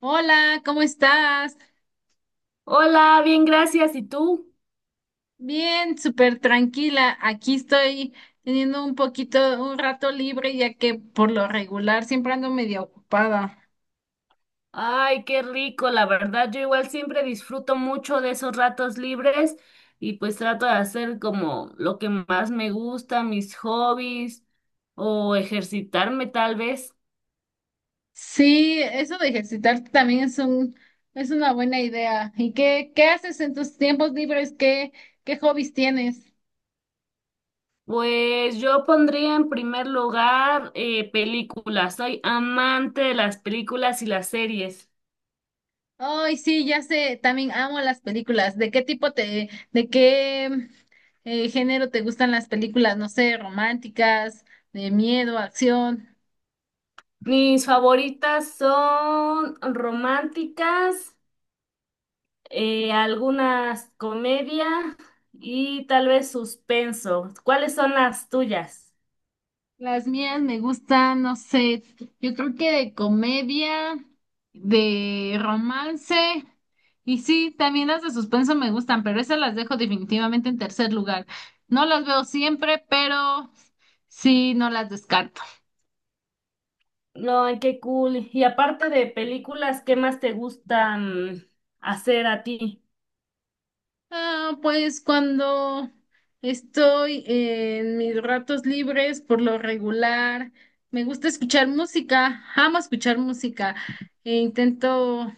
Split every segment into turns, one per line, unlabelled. Hola, ¿cómo estás?
Hola, bien, gracias. ¿Y tú?
Bien, súper tranquila. Aquí estoy teniendo un rato libre, ya que por lo regular siempre ando medio ocupada.
Ay, qué rico, la verdad. Yo igual siempre disfruto mucho de esos ratos libres y pues trato de hacer como lo que más me gusta, mis hobbies o ejercitarme tal vez.
Sí, eso de ejercitarte también es una buena idea. ¿Y qué haces en tus tiempos libres? Qué hobbies tienes?
Pues yo pondría en primer lugar películas. Soy amante de las películas y las series.
Ay, sí, ya sé, también amo las películas. ¿De qué género te gustan las películas? No sé, románticas, de miedo, acción.
Mis favoritas son románticas. Algunas comedia y tal vez suspenso. ¿Cuáles son las tuyas?
Las mías me gustan, no sé, yo creo que de comedia, de romance, y sí, también las de suspenso me gustan, pero esas las dejo definitivamente en tercer lugar. No las veo siempre, pero sí, no las descarto.
No, ay, qué cool. Y aparte de películas, ¿qué más te gustan hacer a ti?
Ah, pues cuando estoy en mis ratos libres, por lo regular, me gusta escuchar música, amo escuchar música. E intento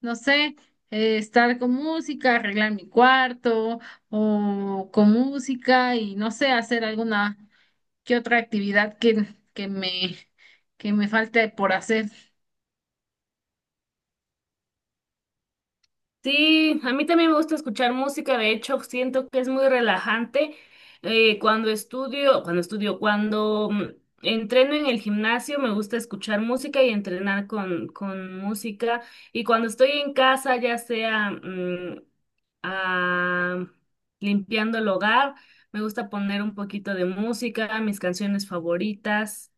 no sé, estar con música, arreglar mi cuarto o con música y no sé, hacer alguna que otra actividad que me, que me falte por hacer.
Sí, a mí también me gusta escuchar música, de hecho siento que es muy relajante. Cuando estudio, cuando entreno en el gimnasio me gusta escuchar música y entrenar con música. Y cuando estoy en casa, ya sea ah, limpiando el hogar, me gusta poner un poquito de música, mis canciones favoritas.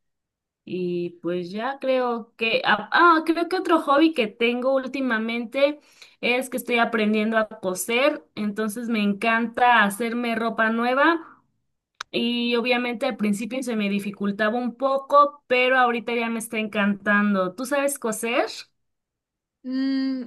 Y pues ya creo que, creo que otro hobby que tengo últimamente es que estoy aprendiendo a coser, entonces me encanta hacerme ropa nueva y obviamente al principio se me dificultaba un poco, pero ahorita ya me está encantando. ¿Tú sabes coser?
Mm,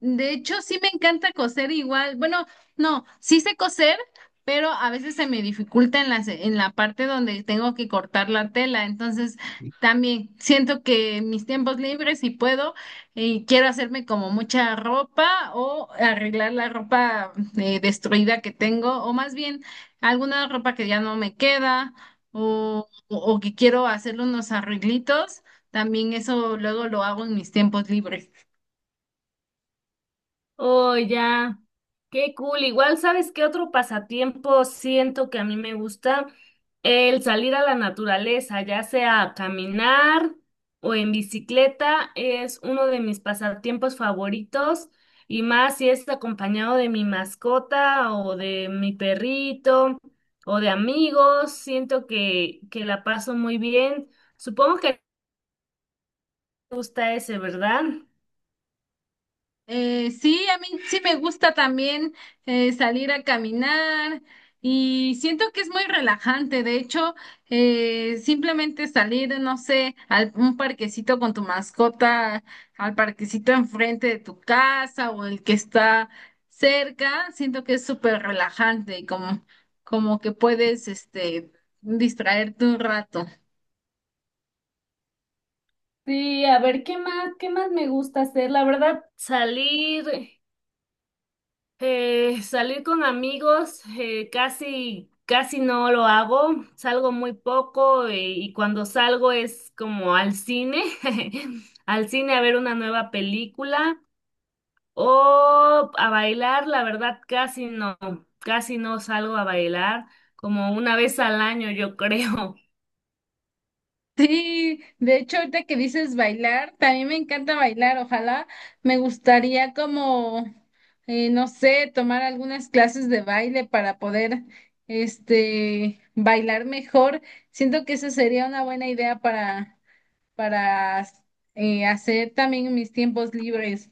de hecho, sí me encanta coser igual. Bueno, no, sí sé coser, pero a veces se me dificulta en la parte donde tengo que cortar la tela. Entonces, también siento que en mis tiempos libres, si puedo, y quiero hacerme como mucha ropa o arreglar la ropa destruida que tengo, o más bien alguna ropa que ya no me queda, o que quiero hacerle unos arreglitos. También eso luego lo hago en mis tiempos libres.
Oh, ya. Qué cool. Igual, ¿sabes qué otro pasatiempo siento que a mí me gusta? El salir a la naturaleza, ya sea a caminar o en bicicleta, es uno de mis pasatiempos favoritos y más si es acompañado de mi mascota o de mi perrito o de amigos, siento que la paso muy bien. Supongo que te gusta ese, ¿verdad?
Sí, a mí sí me gusta también salir a caminar y siento que es muy relajante. De hecho, simplemente salir, no sé, a un parquecito con tu mascota, al parquecito enfrente de tu casa o el que está cerca, siento que es súper relajante y como que puedes, este, distraerte un rato.
Sí, a ver, ¿qué más, me gusta hacer? La verdad, salir con amigos, casi no lo hago, salgo muy poco y cuando salgo es como al cine, al cine a ver una nueva película o a bailar, la verdad, casi no salgo a bailar, como una vez al año, yo creo.
Sí, de hecho, ahorita que dices bailar, también me encanta bailar, ojalá me gustaría como, no sé, tomar algunas clases de baile para poder, este, bailar mejor. Siento que esa sería una buena idea para hacer también mis tiempos libres.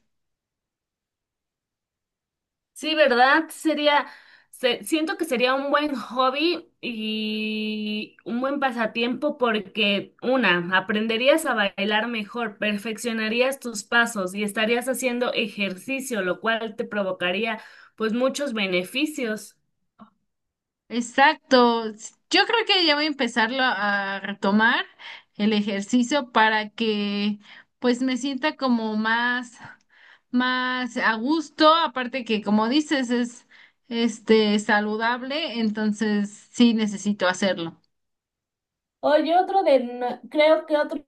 Sí, ¿verdad? Siento que sería un buen hobby y un buen pasatiempo porque, una, aprenderías a bailar mejor, perfeccionarías tus pasos y estarías haciendo ejercicio, lo cual te provocaría pues muchos beneficios.
Exacto. Yo creo que ya voy a empezarlo a retomar el ejercicio para que pues me sienta más a gusto. Aparte que como dices es este saludable, entonces sí necesito hacerlo.
Oye, otro de, no- creo que otro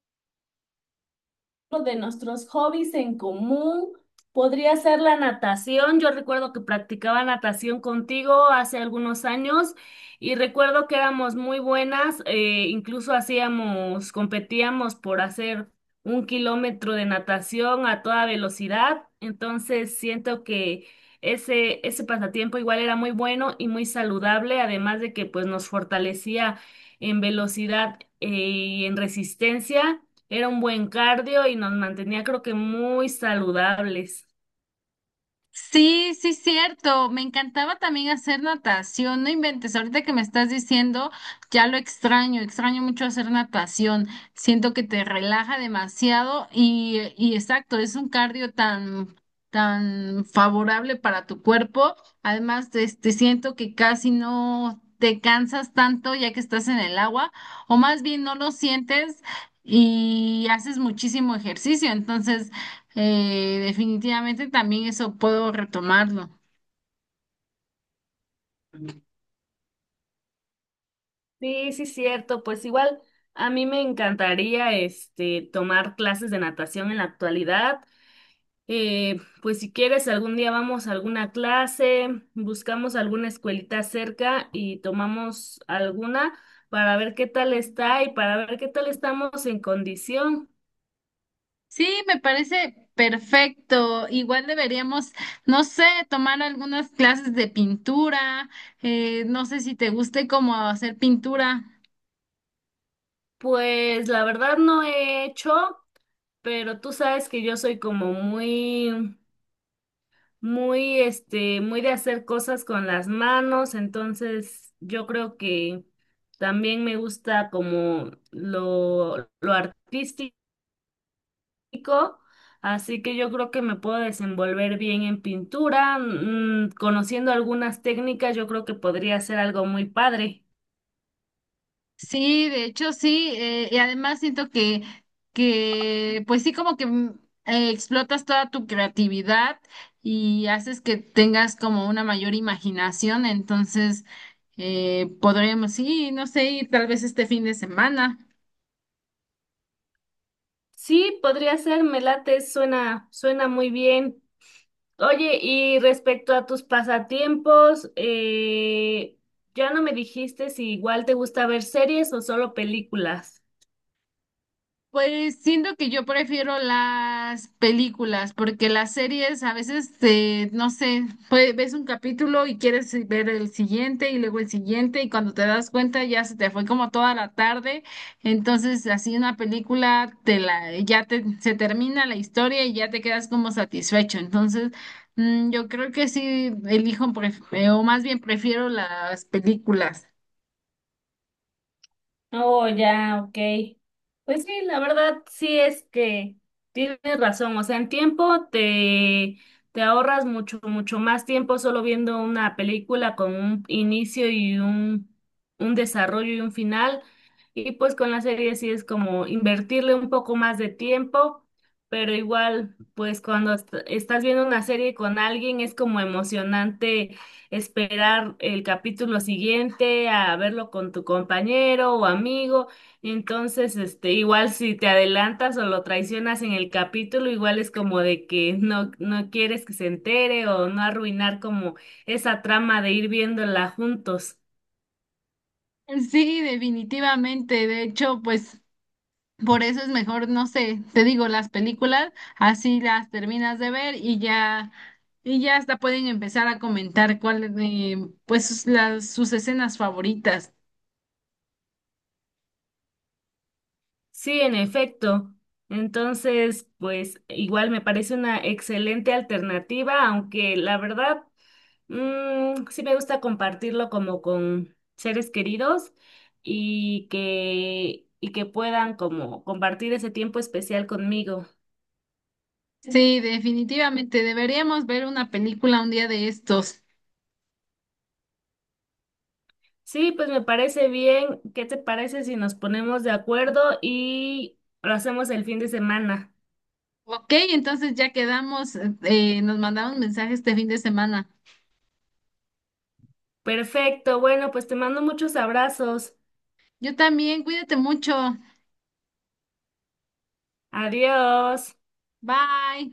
de nuestros hobbies en común podría ser la natación. Yo recuerdo que practicaba natación contigo hace algunos años y recuerdo que éramos muy buenas, incluso hacíamos, competíamos por hacer 1 kilómetro de natación a toda velocidad. Entonces siento que ese pasatiempo igual era muy bueno y muy saludable, además de que pues nos fortalecía en velocidad, y en resistencia. Era un buen cardio y nos mantenía, creo que muy saludables.
Sí, sí, cierto. Me encantaba también hacer natación. No inventes, ahorita que me estás diciendo, ya lo extraño. Extraño mucho hacer natación. Siento que te relaja demasiado y exacto, es un cardio tan favorable para tu cuerpo. Además, este, siento que casi no te cansas tanto ya que estás en el agua, o más bien no lo sientes y haces muchísimo ejercicio. Entonces, definitivamente también eso puedo retomarlo.
Sí, sí, cierto. Pues igual a mí me encantaría este tomar clases de natación en la actualidad. Pues si quieres, algún día vamos a alguna clase, buscamos alguna escuelita cerca y tomamos alguna para ver qué tal está y para ver qué tal estamos en condición.
Sí, me parece perfecto. Igual deberíamos, no sé, tomar algunas clases de pintura. No sé si te guste cómo hacer pintura.
Pues la verdad no he hecho, pero tú sabes que yo soy como muy, este, muy de hacer cosas con las manos, entonces yo creo que también me gusta como lo artístico, así que yo creo que me puedo desenvolver bien en pintura, mm, conociendo algunas técnicas, yo creo que podría ser algo muy padre.
Sí, de hecho sí, y además siento pues sí, como que explotas toda tu creatividad y haces que tengas como una mayor imaginación, entonces podremos, sí, no sé, ir tal vez este fin de semana.
Sí, podría ser, me late, suena muy bien. Oye, y respecto a tus pasatiempos, ya no me dijiste si igual te gusta ver series o solo películas.
Pues siento que yo prefiero las películas, porque las series a veces, no sé, pues, ves un capítulo y quieres ver el siguiente y luego el siguiente y cuando te das cuenta ya se te fue como toda la tarde. Entonces, así una película te la, ya te, se termina la historia y ya te quedas como satisfecho. Entonces, mm, yo creo que sí o más bien prefiero las películas.
Oh, ya, ok. Pues sí, la verdad sí es que tienes razón. O sea, en te ahorras mucho, mucho más tiempo solo viendo una película con un inicio y un desarrollo y un final. Y pues con la serie sí es como invertirle un poco más de tiempo, pero igual, pues cuando estás viendo una serie con alguien es como emocionante esperar el capítulo siguiente a verlo con tu compañero o amigo. Entonces, este, igual si te adelantas o lo traicionas en el capítulo, igual es como de que no quieres que se entere o no arruinar como esa trama de ir viéndola juntos.
Sí, definitivamente. De hecho, pues... Por eso es mejor, no sé, te digo, las películas, así las terminas de ver y ya hasta pueden empezar a comentar cuáles, pues sus- las, sus escenas favoritas.
Sí, en efecto. Entonces, pues igual me parece una excelente alternativa, aunque la verdad Mm, sí me gusta compartirlo como con seres queridos y que puedan como compartir ese tiempo especial conmigo.
Sí, definitivamente deberíamos ver una película un día de estos.
Sí, pues me parece bien. ¿Qué te parece si nos ponemos de acuerdo y lo hacemos el fin de semana?
Ok, entonces ya quedamos, nos mandamos mensajes este fin de semana.
Perfecto. Bueno, pues te mando muchos abrazos.
Yo también, cuídate mucho.
Adiós.
Bye.